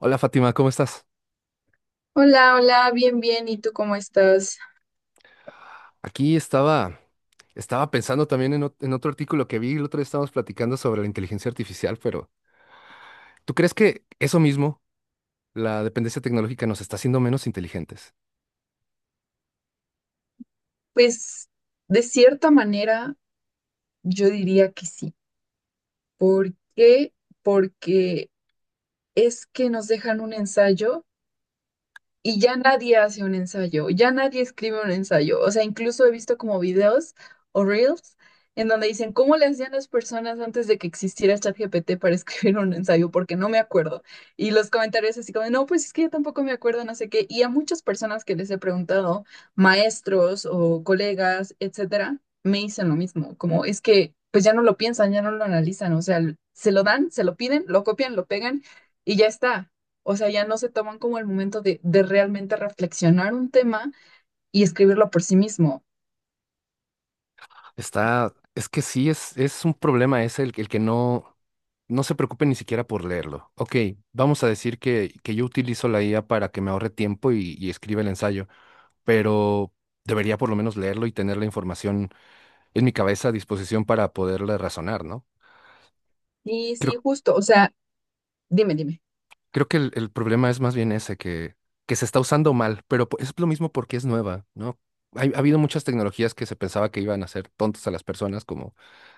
Hola Fátima, ¿cómo estás? Hola, hola, bien, bien. ¿Y tú cómo estás? Aquí estaba pensando también en otro artículo que vi, el otro día estábamos platicando sobre la inteligencia artificial, pero ¿tú crees que eso mismo, la dependencia tecnológica, nos está haciendo menos inteligentes? Pues de cierta manera yo diría que sí. ¿Por qué? Porque es que nos dejan un ensayo. Y ya nadie hace un ensayo, ya nadie escribe un ensayo. O sea, incluso he visto como videos o reels en donde dicen, ¿cómo le hacían las personas antes de que existiera ChatGPT para escribir un ensayo? Porque no me acuerdo. Y los comentarios así como, no, pues es que yo tampoco me acuerdo, no sé qué. Y a muchas personas que les he preguntado, maestros o colegas, etcétera, me dicen lo mismo, como es que pues ya no lo piensan, ya no lo analizan. O sea, se lo dan, se lo piden, lo copian, lo pegan y ya está. O sea, ya no se toman como el momento de realmente reflexionar un tema y escribirlo por sí mismo. Es que sí, es un problema ese el que no se preocupe ni siquiera por leerlo. Ok, vamos a decir que yo utilizo la IA para que me ahorre tiempo y escriba el ensayo, pero debería por lo menos leerlo y tener la información en mi cabeza a disposición para poderla razonar, ¿no? Y Creo sí, justo, o sea, dime, dime. Creo que el problema es más bien ese, que se está usando mal, pero es lo mismo porque es nueva, ¿no? Ha habido muchas tecnologías que se pensaba que iban a hacer tontas a las personas, como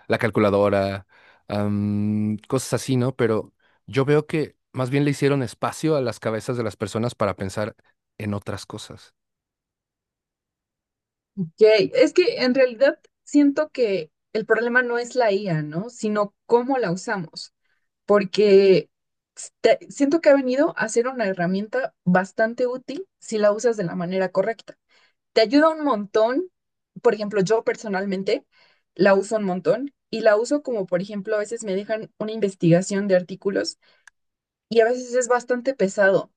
la calculadora, cosas así, ¿no? Pero yo veo que más bien le hicieron espacio a las cabezas de las personas para pensar en otras cosas. Ok. Es que en realidad siento que el problema no es la IA, ¿no? Sino cómo la usamos, porque siento que ha venido a ser una herramienta bastante útil si la usas de la manera correcta. Te ayuda un montón, por ejemplo, yo personalmente la uso un montón y la uso como, por ejemplo, a veces me dejan una investigación de artículos y a veces es bastante pesado,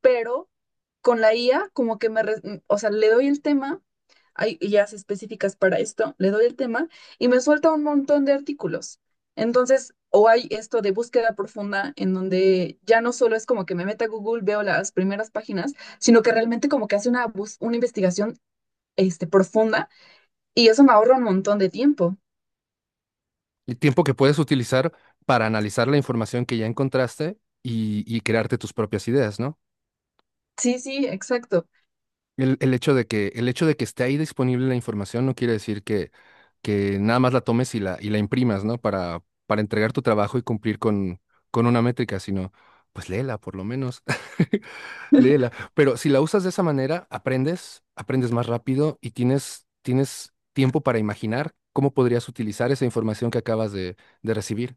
pero con la IA como que o sea, le doy el tema, hay IAs específicas para esto, le doy el tema y me suelta un montón de artículos. Entonces, o hay esto de búsqueda profunda en donde ya no solo es como que me meta a Google, veo las primeras páginas, sino que realmente como que hace una investigación profunda y eso me ahorra un montón de tiempo. Y tiempo que puedes utilizar para analizar la información que ya encontraste y crearte tus propias ideas, ¿no? Sí, sí, exacto. El hecho de que, el hecho de que esté ahí disponible la información no quiere decir que nada más la tomes y la imprimas, ¿no? Para entregar tu trabajo y cumplir con una métrica, sino, pues léela por lo menos, léela. Pero si la usas de esa manera, aprendes más rápido y tienes tiempo para imaginar cómo podrías utilizar esa información que acabas de recibir.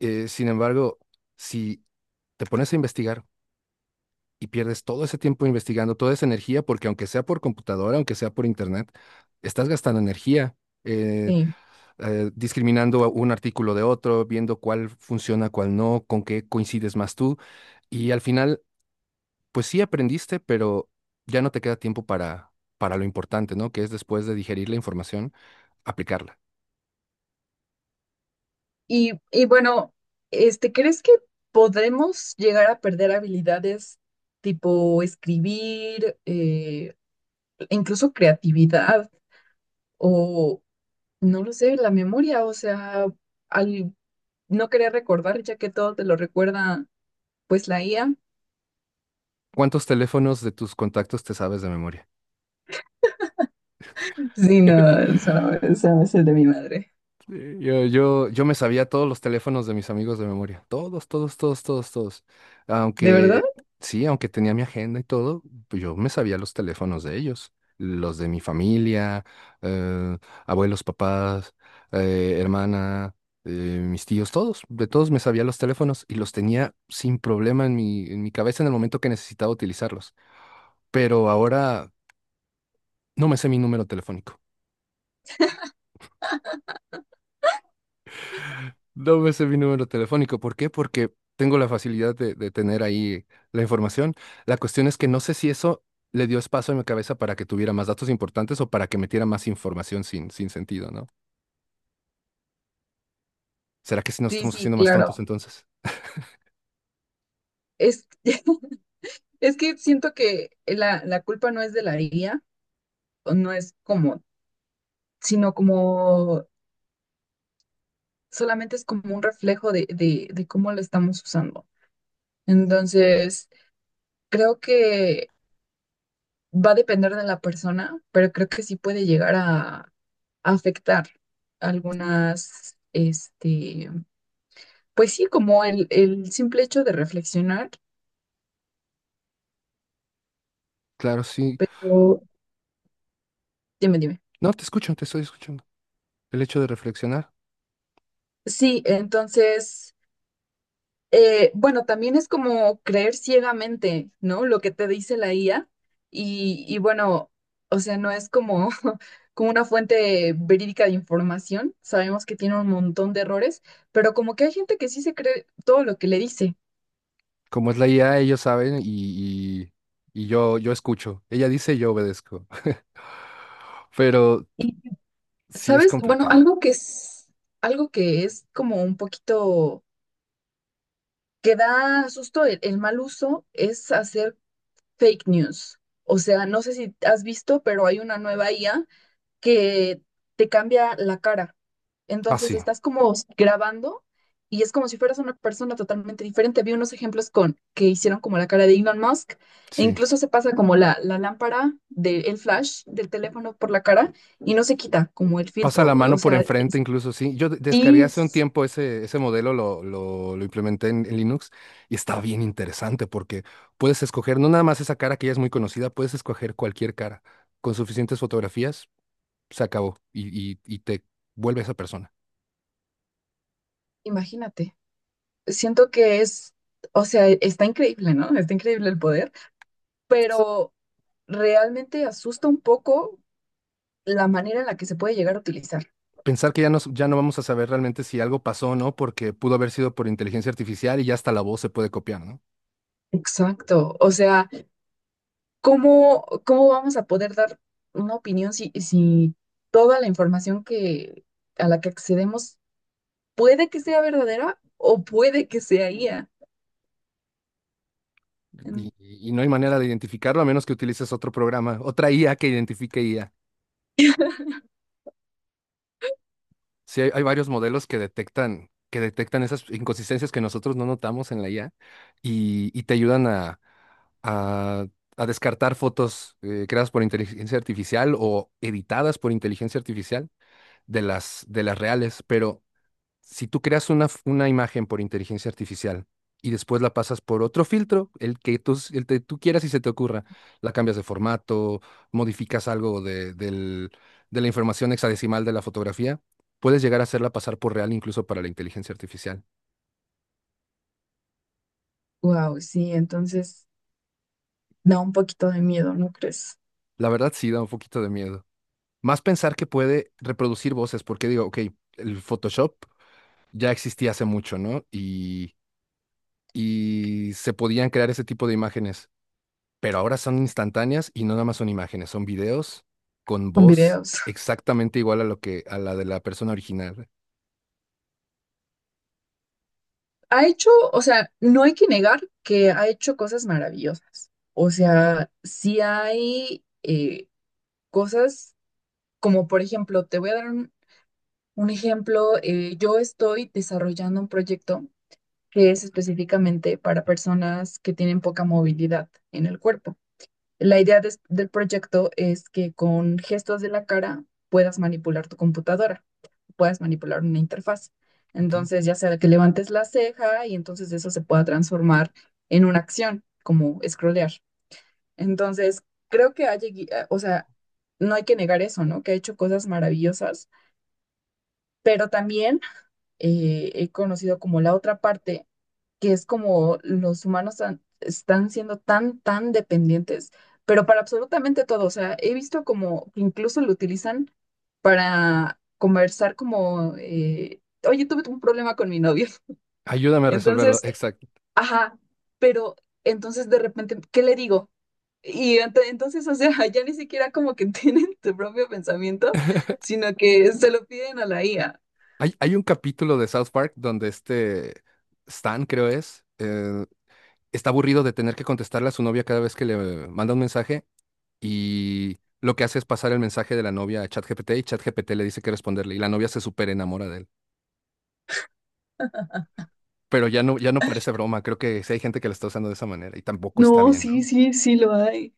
Sin embargo, si te pones a investigar, y pierdes todo ese tiempo investigando, toda esa energía, porque aunque sea por computadora, aunque sea por internet, estás gastando energía, eh, Sí. Discriminando a un artículo de otro, viendo cuál funciona, cuál no, con qué coincides más tú. Y al final, pues sí aprendiste, pero ya no te queda tiempo para lo importante, ¿no? Que es después de digerir la información, aplicarla. Y bueno, ¿crees que podemos llegar a perder habilidades tipo escribir, incluso creatividad o, no lo sé, la memoria? O sea, al no querer recordar, ya que todo te lo recuerda, pues la IA. ¿Cuántos teléfonos de tus contactos te sabes de memoria? Sí, no, eso no, eso es el de mi madre. Sí, yo me sabía todos los teléfonos de mis amigos de memoria. Todos, todos, todos, todos, todos. ¿De verdad? Aunque, sí, aunque tenía mi agenda y todo, pues yo me sabía los teléfonos de ellos. Los de mi familia, eh, abuelos, papás, hermana, eh, mis tíos, todos. De todos me sabía los teléfonos y los tenía sin problema en mi cabeza en el momento que necesitaba utilizarlos. Pero ahora no me sé mi número telefónico. No me sé mi número telefónico. ¿Por qué? Porque tengo la facilidad de tener ahí la información. La cuestión es que no sé si eso le dio espacio a mi cabeza para que tuviera más datos importantes o para que metiera más información sin sentido, ¿no? ¿Será que si nos Sí, estamos sí, haciendo más tontos claro. entonces? Es, es que siento que la culpa no es de la IA, o no es como, sino como solamente es como un reflejo de cómo lo estamos usando. Entonces, creo que va a depender de la persona, pero creo que sí puede llegar a afectar algunas, pues sí, como el simple hecho de reflexionar, Claro, sí. pero dime, dime. No, te escucho, te estoy escuchando. El hecho de reflexionar. Sí, entonces... bueno, también es como creer ciegamente, ¿no? Lo que te dice la IA y bueno, o sea, no es como, como una fuente verídica de información. Sabemos que tiene un montón de errores, pero como que hay gente que sí se cree todo lo que le dice. Como es la IA, ellos saben y yo escucho. Ella dice, yo obedezco. Pero Y, sí es ¿sabes? Bueno, complicado. algo que es como un poquito que da susto el mal uso es hacer fake news. O sea, no sé si has visto, pero hay una nueva IA que te cambia la cara. Ah, Entonces sí, estás como grabando y es como si fueras una persona totalmente diferente. Vi unos ejemplos con que hicieron como la cara de Elon Musk e sí. incluso se pasa como la lámpara del flash del teléfono por la cara y no se quita como el Pasa la filtro. O mano por sea, enfrente, incluso, sí. Yo descargué sí, hace un tiempo ese modelo, lo implementé en Linux y está bien interesante porque puedes escoger no nada más esa cara que ya es muy conocida, puedes escoger cualquier cara. Con suficientes fotografías, se acabó y te vuelve esa persona. imagínate. Siento que es, o sea, está increíble, ¿no? Está increíble el poder, pero realmente asusta un poco la manera en la que se puede llegar a utilizar. Pensar que ya no vamos a saber realmente si algo pasó o no, porque pudo haber sido por inteligencia artificial y ya hasta la voz se puede copiar, ¿no? Exacto. O sea, ¿Cómo vamos a poder dar una opinión si toda la información que, a la que accedemos puede que sea verdadera o puede que sea IA? Y no hay manera de identificarlo a menos que utilices otro programa, otra IA que identifique IA. Sí, hay varios modelos que detectan esas inconsistencias que nosotros no notamos en la IA y te ayudan a, a descartar fotos creadas por inteligencia artificial o editadas por inteligencia artificial de las reales. Pero si tú creas una imagen por inteligencia artificial y después la pasas por otro filtro, el que tú quieras y se te ocurra, la cambias de formato, modificas algo de la información hexadecimal de la fotografía, puedes llegar a hacerla pasar por real incluso para la inteligencia artificial. Wow, sí, entonces da un poquito de miedo, ¿no crees? La verdad sí da un poquito de miedo. Más pensar que puede reproducir voces, porque digo, ok, el Photoshop ya existía hace mucho, ¿no? Y se podían crear ese tipo de imágenes pero ahora son instantáneas y no nada más son imágenes, son videos con Con voz videos. exactamente igual a lo que a la de la persona original. Ha hecho, o sea, no hay que negar que ha hecho cosas maravillosas. O sea, sí hay cosas como, por ejemplo, te voy a dar un ejemplo, yo estoy desarrollando un proyecto que es específicamente para personas que tienen poca movilidad en el cuerpo. La idea del proyecto es que con gestos de la cara puedas manipular tu computadora, puedas manipular una interfaz. Ok. Entonces, ya sea que levantes la ceja y entonces eso se pueda transformar en una acción, como scrollear. Entonces, creo que o sea, no hay que negar eso, ¿no? Que ha hecho cosas maravillosas pero también he conocido como la otra parte, que es como los humanos están siendo tan, tan dependientes, pero para absolutamente todo. O sea, he visto como que incluso lo utilizan para conversar como, oye, tuve un problema con mi novio. Ayúdame a resolverlo, Entonces, exacto. ajá, pero entonces de repente, ¿qué le digo? Y entonces, o sea, ya ni siquiera como que tienen tu propio pensamiento, sino que se lo piden a la IA. Hay un capítulo de South Park donde este Stan, creo es, está aburrido de tener que contestarle a su novia cada vez que le manda un mensaje y lo que hace es pasar el mensaje de la novia a ChatGPT y ChatGPT le dice que responderle y la novia se súper enamora de él. Pero ya no parece broma, creo que sí hay gente que lo está usando de esa manera y tampoco está No, bien, sí, ¿no? sí, sí lo hay.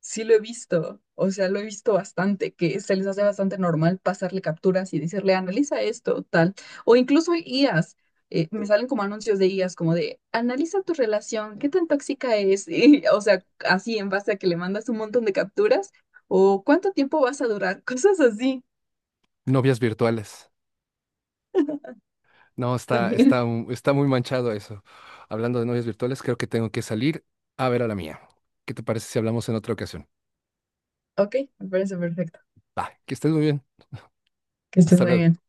Sí lo he visto, o sea, lo he visto bastante, que se les hace bastante normal pasarle capturas y decirle, analiza esto, tal, o incluso IAs, me salen como anuncios de IAs, como de, analiza tu relación, qué tan tóxica es, y, o sea, así en base a que le mandas un montón de capturas, o cuánto tiempo vas a durar, cosas así Novias virtuales. No, también. Está muy manchado eso. Hablando de novias virtuales, creo que tengo que salir a ver a la mía. ¿Qué te parece si hablamos en otra ocasión? Ok, me parece perfecto, Va, que estés muy bien. que estés Hasta muy luego. bien.